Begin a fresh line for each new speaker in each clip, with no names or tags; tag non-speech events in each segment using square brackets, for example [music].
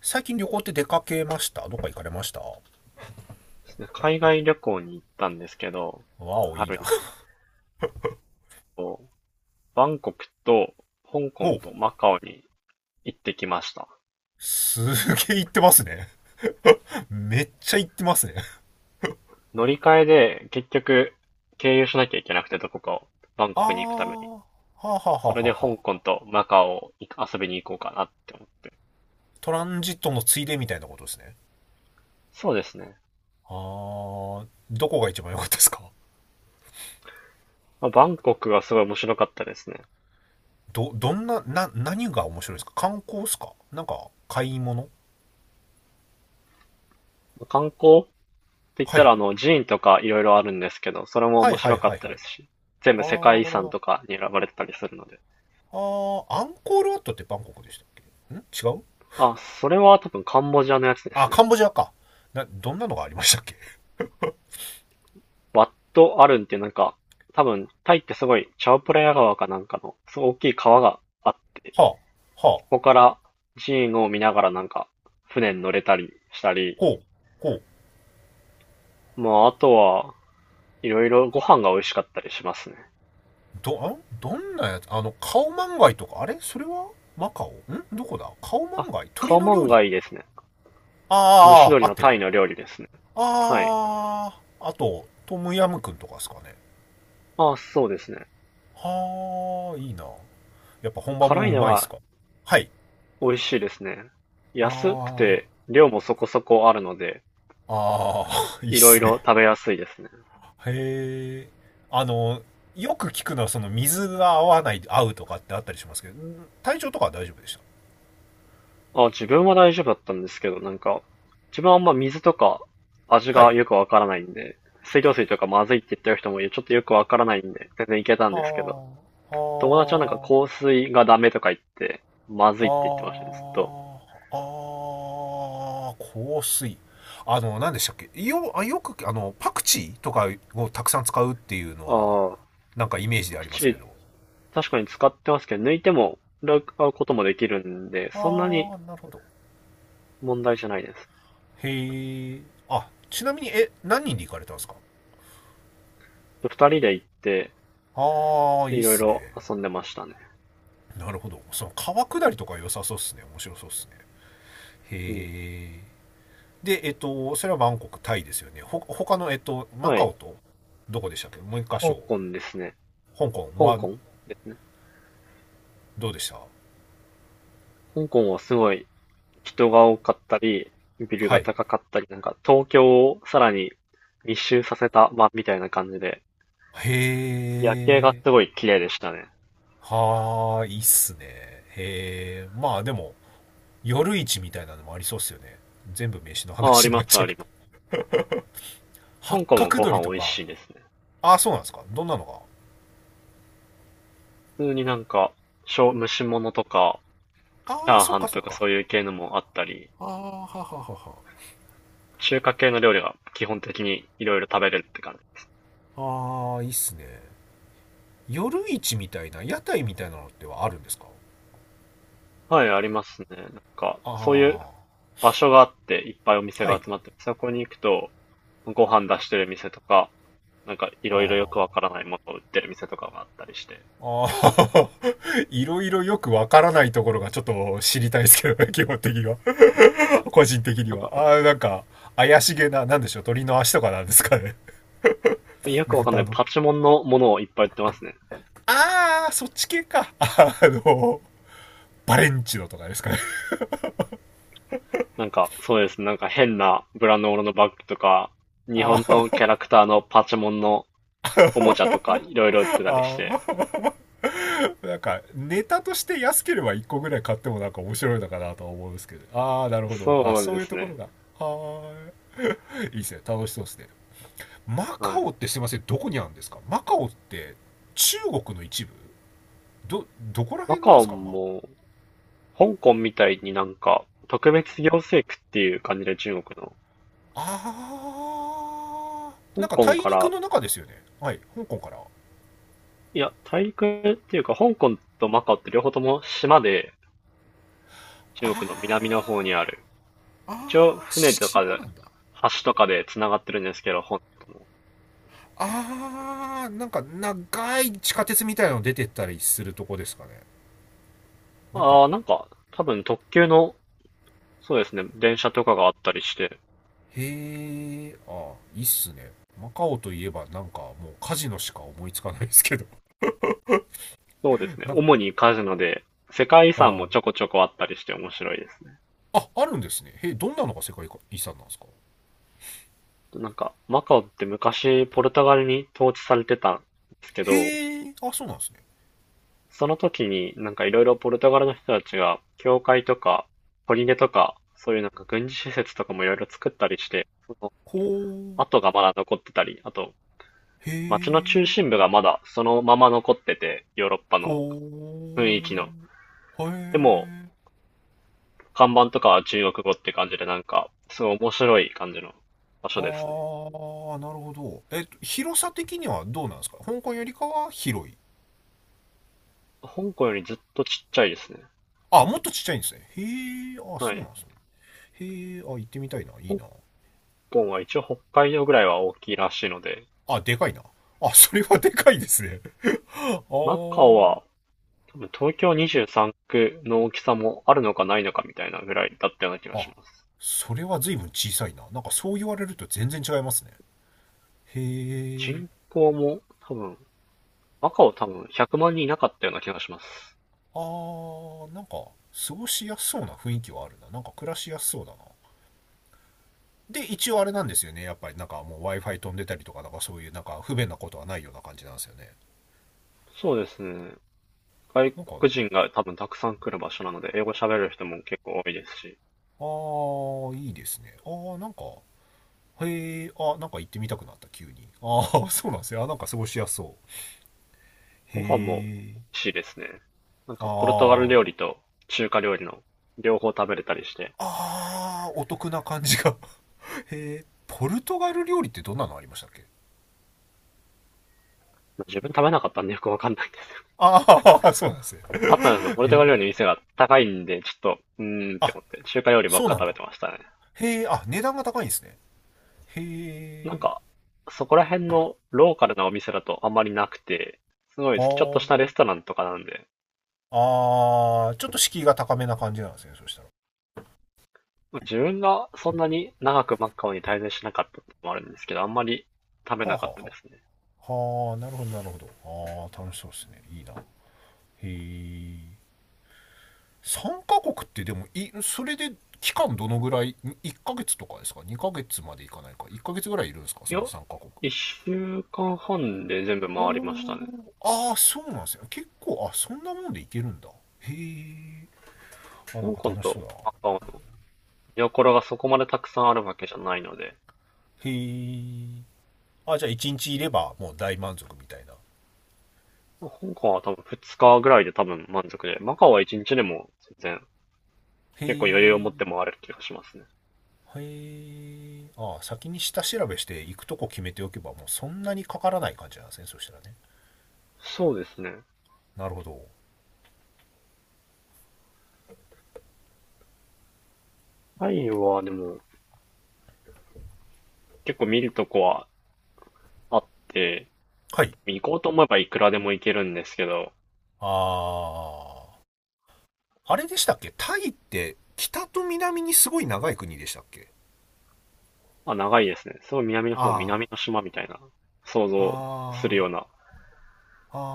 最近旅行って出かけました？どっか行かれましたわ？
ですね、海外旅行に行ったんですけど、
お、いい
春
な。
にこう、バンコクと香港
お、
とマカオに行ってきました。
すげえ行ってますね。めっちゃ行ってますね。
乗り換えで結局経由しなきゃいけなくてどこかを、バンコ
は
ク
あ、
に行くために。
はあはあはあ
それ
は
で
あは。
香港とマカオを行く遊びに行こうかなって思って。
トランジットのついでみたいなことですね。
そうですね。
どこが一番良かったですか？
まあ、バンコクはすごい面白かったですね。
ど、どんな、何が面白いですか？観光ですか？なんか、買い物？
まあ観光って言っ
は
た
い。
らあの寺院とかいろいろあるんですけど、それも
は
面
いは
白
い
か
は
っ
い
た
は
で
い。
すし、全
あ
部世界遺産
ー、
とかに選ばれてたりするので。
アンコールワットってバンコクでしたっけ？ん、違う？
あ、それは多分カンボジアのやつで
あ、
す
カン
ね。
ボジアか。どんなのがありましたっけ？
ワット・アルンっていうなんか、多分タイってすごいチャオプラヤ川かなんかの、すごい大きい川があって、
はあ、はあ。
そこから寺院を見ながらなんか船に乗れたりしたり、
ほう。ほう。
まああとはいろいろご飯が美味しかったりしますね。
どんなやつ、カオマンガイとか、あれ、それはマカオ？ん、どこだ、カオマ
あ、
ンガイ、
カ
鳥
オ
の
マ
料
ン
理？
ガイですね。蒸し
ああ、
鶏
合っ
の
てる。
タイの料理ですね。はい。
ああ、あと、トムヤムくんとかですかね。
あ、そうですね。
はあ、いいな。やっぱ本場
辛い
もう
の
まいっす
が
か？はい。
美味しいですね。安く
あ
て量もそこそこあるので、
ああ、[laughs] いいっ
いろい
すね。
ろ食べやすいですね。
へえ。あの、よく聞くのはその水が合わない、合うとかってあったりしますけど、体調とかは大丈夫でした？
あ、自分は大丈夫だったんですけど、なんか、自分はあんま水とか味
は
が
い。
よくわからないんで、水道水とかまずいって言ってる人もいる、ちょっとよくわからないんで、全然いけたん
は
ですけど、
あ、
友達はなんか
はあ。
香水がダメとか言って、まず
あー、
いって言ってましたね、ずっと。
香水。あの、何でしたっけよ、あ、よく、パクチーとかをたくさん使うっていうのは、
ああ、
なんかイメージ
パ
であ
ク
りま
チ
すけ
ー
ど。
確かに使ってますけど、抜いても、使うこともできるんで、そんなに
ああ、なるほど。
問題じゃないです。
へえ。あ、ちなみに、何人で行かれたんですか？
二人で行って、
ああ、いいっ
いろい
すね。
ろ遊んでましたね。
なるほど。その川下りとか良さそうっすね。面白そうっすね。
うん。
へえ。で、それはバンコク、タイですよね。他の、マ
は
カオ
い。
と、どこでしたっけ？もう一箇
香
所。
港ですね。
香港
香
は
港ですね。
どうでした？
香港はすごい人が多かったり、ビル
は
が
い。へ
高かったり、なんか東京をさらに密集させた場みたいな感じで、夜景が
え。
すごい綺麗でしたね。
はーい、いいっすね。へえ。まあでも、夜市みたいなのもありそうっすよね。全部飯の
あ、あ
話
り
にな
ま
っ
す
ちゃ
あ
うけ
り
ど。
ます。
八
香港も
角
ご
鳥
飯
と
美味
か。
しいですね。
ああ、そうなんですか。どんなの
普通になんか、小蒸し物とか、チ
が。ああ、
ャー
そっ
ハ
か
ン
そ
と
っ
か
か。
そういう系のもあったり、
ああ、ははは
中華系の料理が基本的にいろいろ食べれるって感じ。
は。ああ、いいっすね。夜市みたいな、屋台みたいなのってはあるんですか？
はい、ありますね。なんか、そういう
ああ
場所があって、いっぱいお店
ー、は
が
い。
集まって、そこに行くと、ご飯出してる店とか、なんかいろいろよく
あ
わからないものを売ってる店とかがあったりして、
あ。ああ、[laughs] いろいろよくわからないところがちょっと知りたいですけどね、基本的には。個人的に
なん
は。
か
ああ、なんか、怪しげな、なんでしょう、鳥の足とかなんですかね。
よ
[laughs]
くわかんな
豚
い
の。
パチモンのものをいっぱい売ってますね。
ああ、そっち系か。の、バレンチノとかですかね。
なんかそうですね、なんか変なブランドもののバッグとか、日本のキャ
あ
ラクターのパチモンのおもちゃとかいろいろ売って
あ、
たりして、
[laughs] あ、なんか、ネタとして安ければ1個ぐらい買ってもなんか面白いのかなとは思うんですけど。ああ、なるほど。あ、
そう
そう
で
いう
す
ところ
ね。
が。はーい。いいですね。楽しそうですね。マカ
はい。
オってすいません、どこにあるんですかマカオって？中国の一部？どこら
マ
辺なん
カ
で
オ
すかマ。
も、香港みたいになんか特別行政区っていう感じで中国の、
あな
香
んか
港
大
か
陸
ら、
の中ですよね？はい、香港から？
いや、大陸っていうか香港とマカオって両方とも島で中国の南
あ
の方に
ー
ある、一応、
あ、ー
船とか
島
で、
なんだ。
橋とかで繋がってるんですけど、本当も。
なんか長い地下鉄みたいなの出てったりするとこですかね？なんか。
ああ、なんか、多分特急の、そうですね、電車とかがあったりして、
へー、あー、いいっすね。マカオといえばなんかもうカジノしか思いつかないですけど。
そうです
[laughs]
ね、
なんか、
主にカジノで、世界遺
あ
産もちょこ
ー、
ちょこあったりして面白いですね。
あ、あるんですね？へー、どんなのが世界遺産なんですか？
なんか、マカオって昔ポルトガルに統治されてたんですけ
へ
ど、
ー、あ、そうなんですね。
その時になんかいろいろポルトガルの人たちが、教会とか、砦とか、そういうなんか軍事施設とかもいろいろ作ったりして、その
こう。
跡がまだ残ってたり、あと
へ
街の中
ー、
心部がまだそのまま残ってて、ヨーロッパ
ほ
の雰囲気の。
ー。へ
でも、
え。
看板とかは中国語って感じで、なんか、すごい面白い感じの場所ですね。
なるほど。広さ的にはどうなんですか？香港よりかは広い？
香港よりずっとちっちゃいですね。
あ、もっとちっちゃいんですね。へえ、あ、
は
そうな
い。
んですね。へえ、あ、行ってみたいな。いい
香
な。
港は一応北海道ぐらいは大きいらしいので、
あ、でかいな。あ、それはでかいですね。[laughs] あ
マカオ
ー。
は多分東京23区の大きさもあるのかないのかみたいなぐらいだったような気がし
あ、
ます。
それは随分小さいな。なんかそう言われると全然違いますね。へ
人
え。
口も多分、マカオ多分100万人いなかったような気がします。
なんか過ごしやすそうな雰囲気はあるな。なんか暮らしやすそうだな。で、一応あれなんですよね。やっぱりなんかもう Wi-Fi 飛んでたりとか、なんかそういうなんか不便なことはないような感じなんですよね。
そうですね。外
なんか、
国人が多分たくさん来る場所なので、英語喋れる人も結構多いですし、
いいですね。へなんか行ってみたくなった、急に。[laughs] そうなんですよ。なんか過ごしやすそう。へ
ご飯も美
ー、
味しいですね。なん
あ
か、ポルトガル料
ー、
理と中華料理の両方食べれたりして、
お得な感じが。[laughs] へー、ポルトガル料理ってどんなのありましたっけ？
自分食べなかったんでよくわかんないです。
[laughs] そうなんですね。
あったんですよ。ポル
へ
トガ
ー、
ル料理の店が高いんで、ちょっと、うーんって
あ、
思って、中華料理ばっ
そう
か
なん
食べ
だ。
てましたね。
へー、あ、値段が高いんですね。
なん
へ
か、
ー、
そこら辺のローカルなお店だとあんまりなくて、すご
あ
い、ちょっとしたレ
ー。
ストランとかなんで、
ああ、ちょっと敷居が高めな感じなんですね、そしたら。
まあ自分がそんなに長くマッカオに滞在しなかったってのもあるんですけど、あんまり食べ
はあは
なか
あ
っ
は
たです
あ。
ね。
はあ、なるほど、なるほど。ああ、楽しそうですね。いいな。へえ。3カ国ってでも、それで期間どのぐらい？ 1 ヶ月とかですか？ 2 ヶ月までいかないか。1ヶ月ぐらいいるんですか
い
そ
や、
の3カ国。
一週間半で全部
お
回りました
ー。
ね。
ああ、そうなんですよ。結構、あ、そんなもんでいけるんだ。へえ。あ、なん
香
か
港
楽しそ
と
うだな。へ
マカオの見どころがそこまでたくさんあるわけじゃないので、
え。あ、じゃあ1日いればもう大満足みたいな。
まあ香港は多分2日ぐらいで多分満足で、マカオは1日でも全然
へ
結構余裕を持っ
え。
て回れる気がしますね。
へえ、ああ、先に下調べして行くとこ決めておけばもうそんなにかからない感じなんですねそしたらね。
そうですね。
なるほど。
タイはでも結構見るとこはあって、
はい。
行こうと思えばいくらでも行けるんですけど、
ああ、あれでしたっけ？タイって北と南にすごい長い国でしたっけ？
あ、長いですね。すごい南の方、
あ
南の島みたいな、想像する
あ、
よう
あ
な、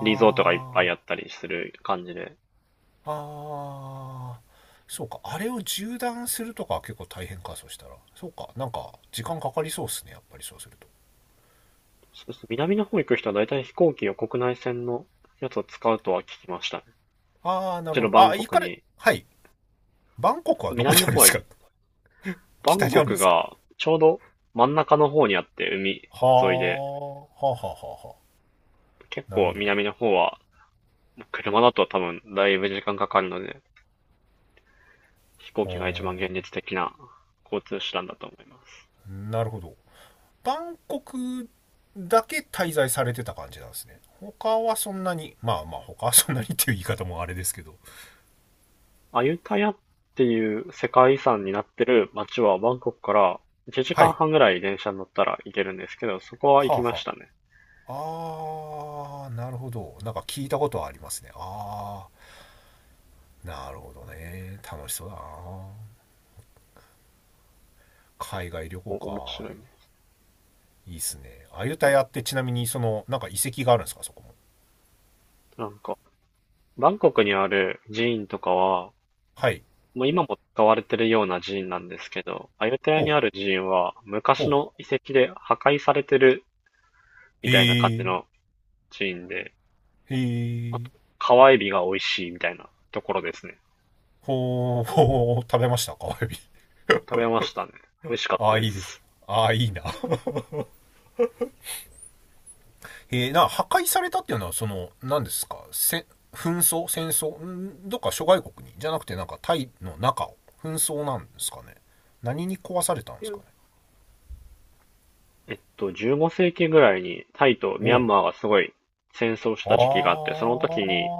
リゾートがいっぱいあ
あ
ったりする感じで。
あ、ああ。そうか、あれを縦断するとかは結構大変か、そうしたら。そうか、なんか時間かかりそうっすねやっぱりそうすると。
そうですね。南の方行く人は大体飛行機を国内線のやつを使うとは聞きましたね。
ああ、なる
一
ほ
度
ど。
バ
あ、
ンコ
行
ク
かれ。
に。
はい。バンコクはどこに
南の
あるんで
方は、
すか？ [laughs]
バ
北
ン
にあ
コ
るんで
ク
すか？
がちょうど真ん中の方にあって、海
はあ、はあ
沿いで、
はあはあは
結
あ。なる
構
ほど。
南の方は、車だと多分だいぶ時間かかるので、飛行機
は
が一番現実的な交通手段だと思いま
あ、
す。
なるほど。バンコクだけ滞在されてた感じなんですね。他はそんなに、まあまあ他はそんなにっていう言い方もあれですけど。
アユタヤっていう世界遺産になってる街はバンコクから1
は
時
い。
間半ぐらい電車に乗ったら行けるんですけど、そこは
は
行
あ
きま
は
したね。
あ。なるほど。なんか聞いたことはありますね。なるほどね。楽しそうだな。海外旅行
お、面
か。
白いね。
いいっすね。アユタ
うん
ヤってちなみにその、なんか遺跡があるんですか、そこも。
なんか、バンコクにある寺院とかは、
はい。
もう今も使われてるような寺院なんですけど、アユタヤ
ほ
に
う、
ある寺院は
ほ
昔の
う。
遺跡で破壊されてる
へ
みたいな感じ
え、
の寺院で、
へ
あ
え。
と、川エビが美味しいみたいなところですね。
ほー、ほー、食べましたか、エビ。
食べましたね。美味しかっ
あ
た
あ、
で
いいです。
す。
ああ、いいな。破壊されたっていうのは、その、何ですか、紛争？戦争？ん、どっか諸外国にじゃなくて、なんか、タイの中を、紛争なんですかね。何に壊されたんで
いや
すかね。
15世紀ぐらいにタイと
お
ミャン
う。
マーがすごい戦争し
あ
た時期があって、
ー、
その時に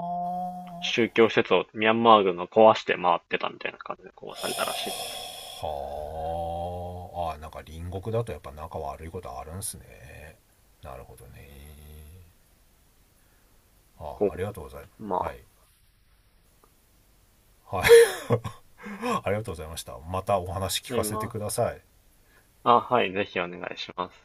宗教施設をミャンマー軍が壊して回ってたみたいな感じで壊されたらしいです。
はー、あー、なんか隣国だとやっぱ仲悪いことあるんすね。なるほどね。あ、
こ
ありがとうございます。
う、
は
ま
い。はい。ありがとうございました。またお話聞
あ、
かせて
今、
ください。
あ、はい、ぜひお願いします。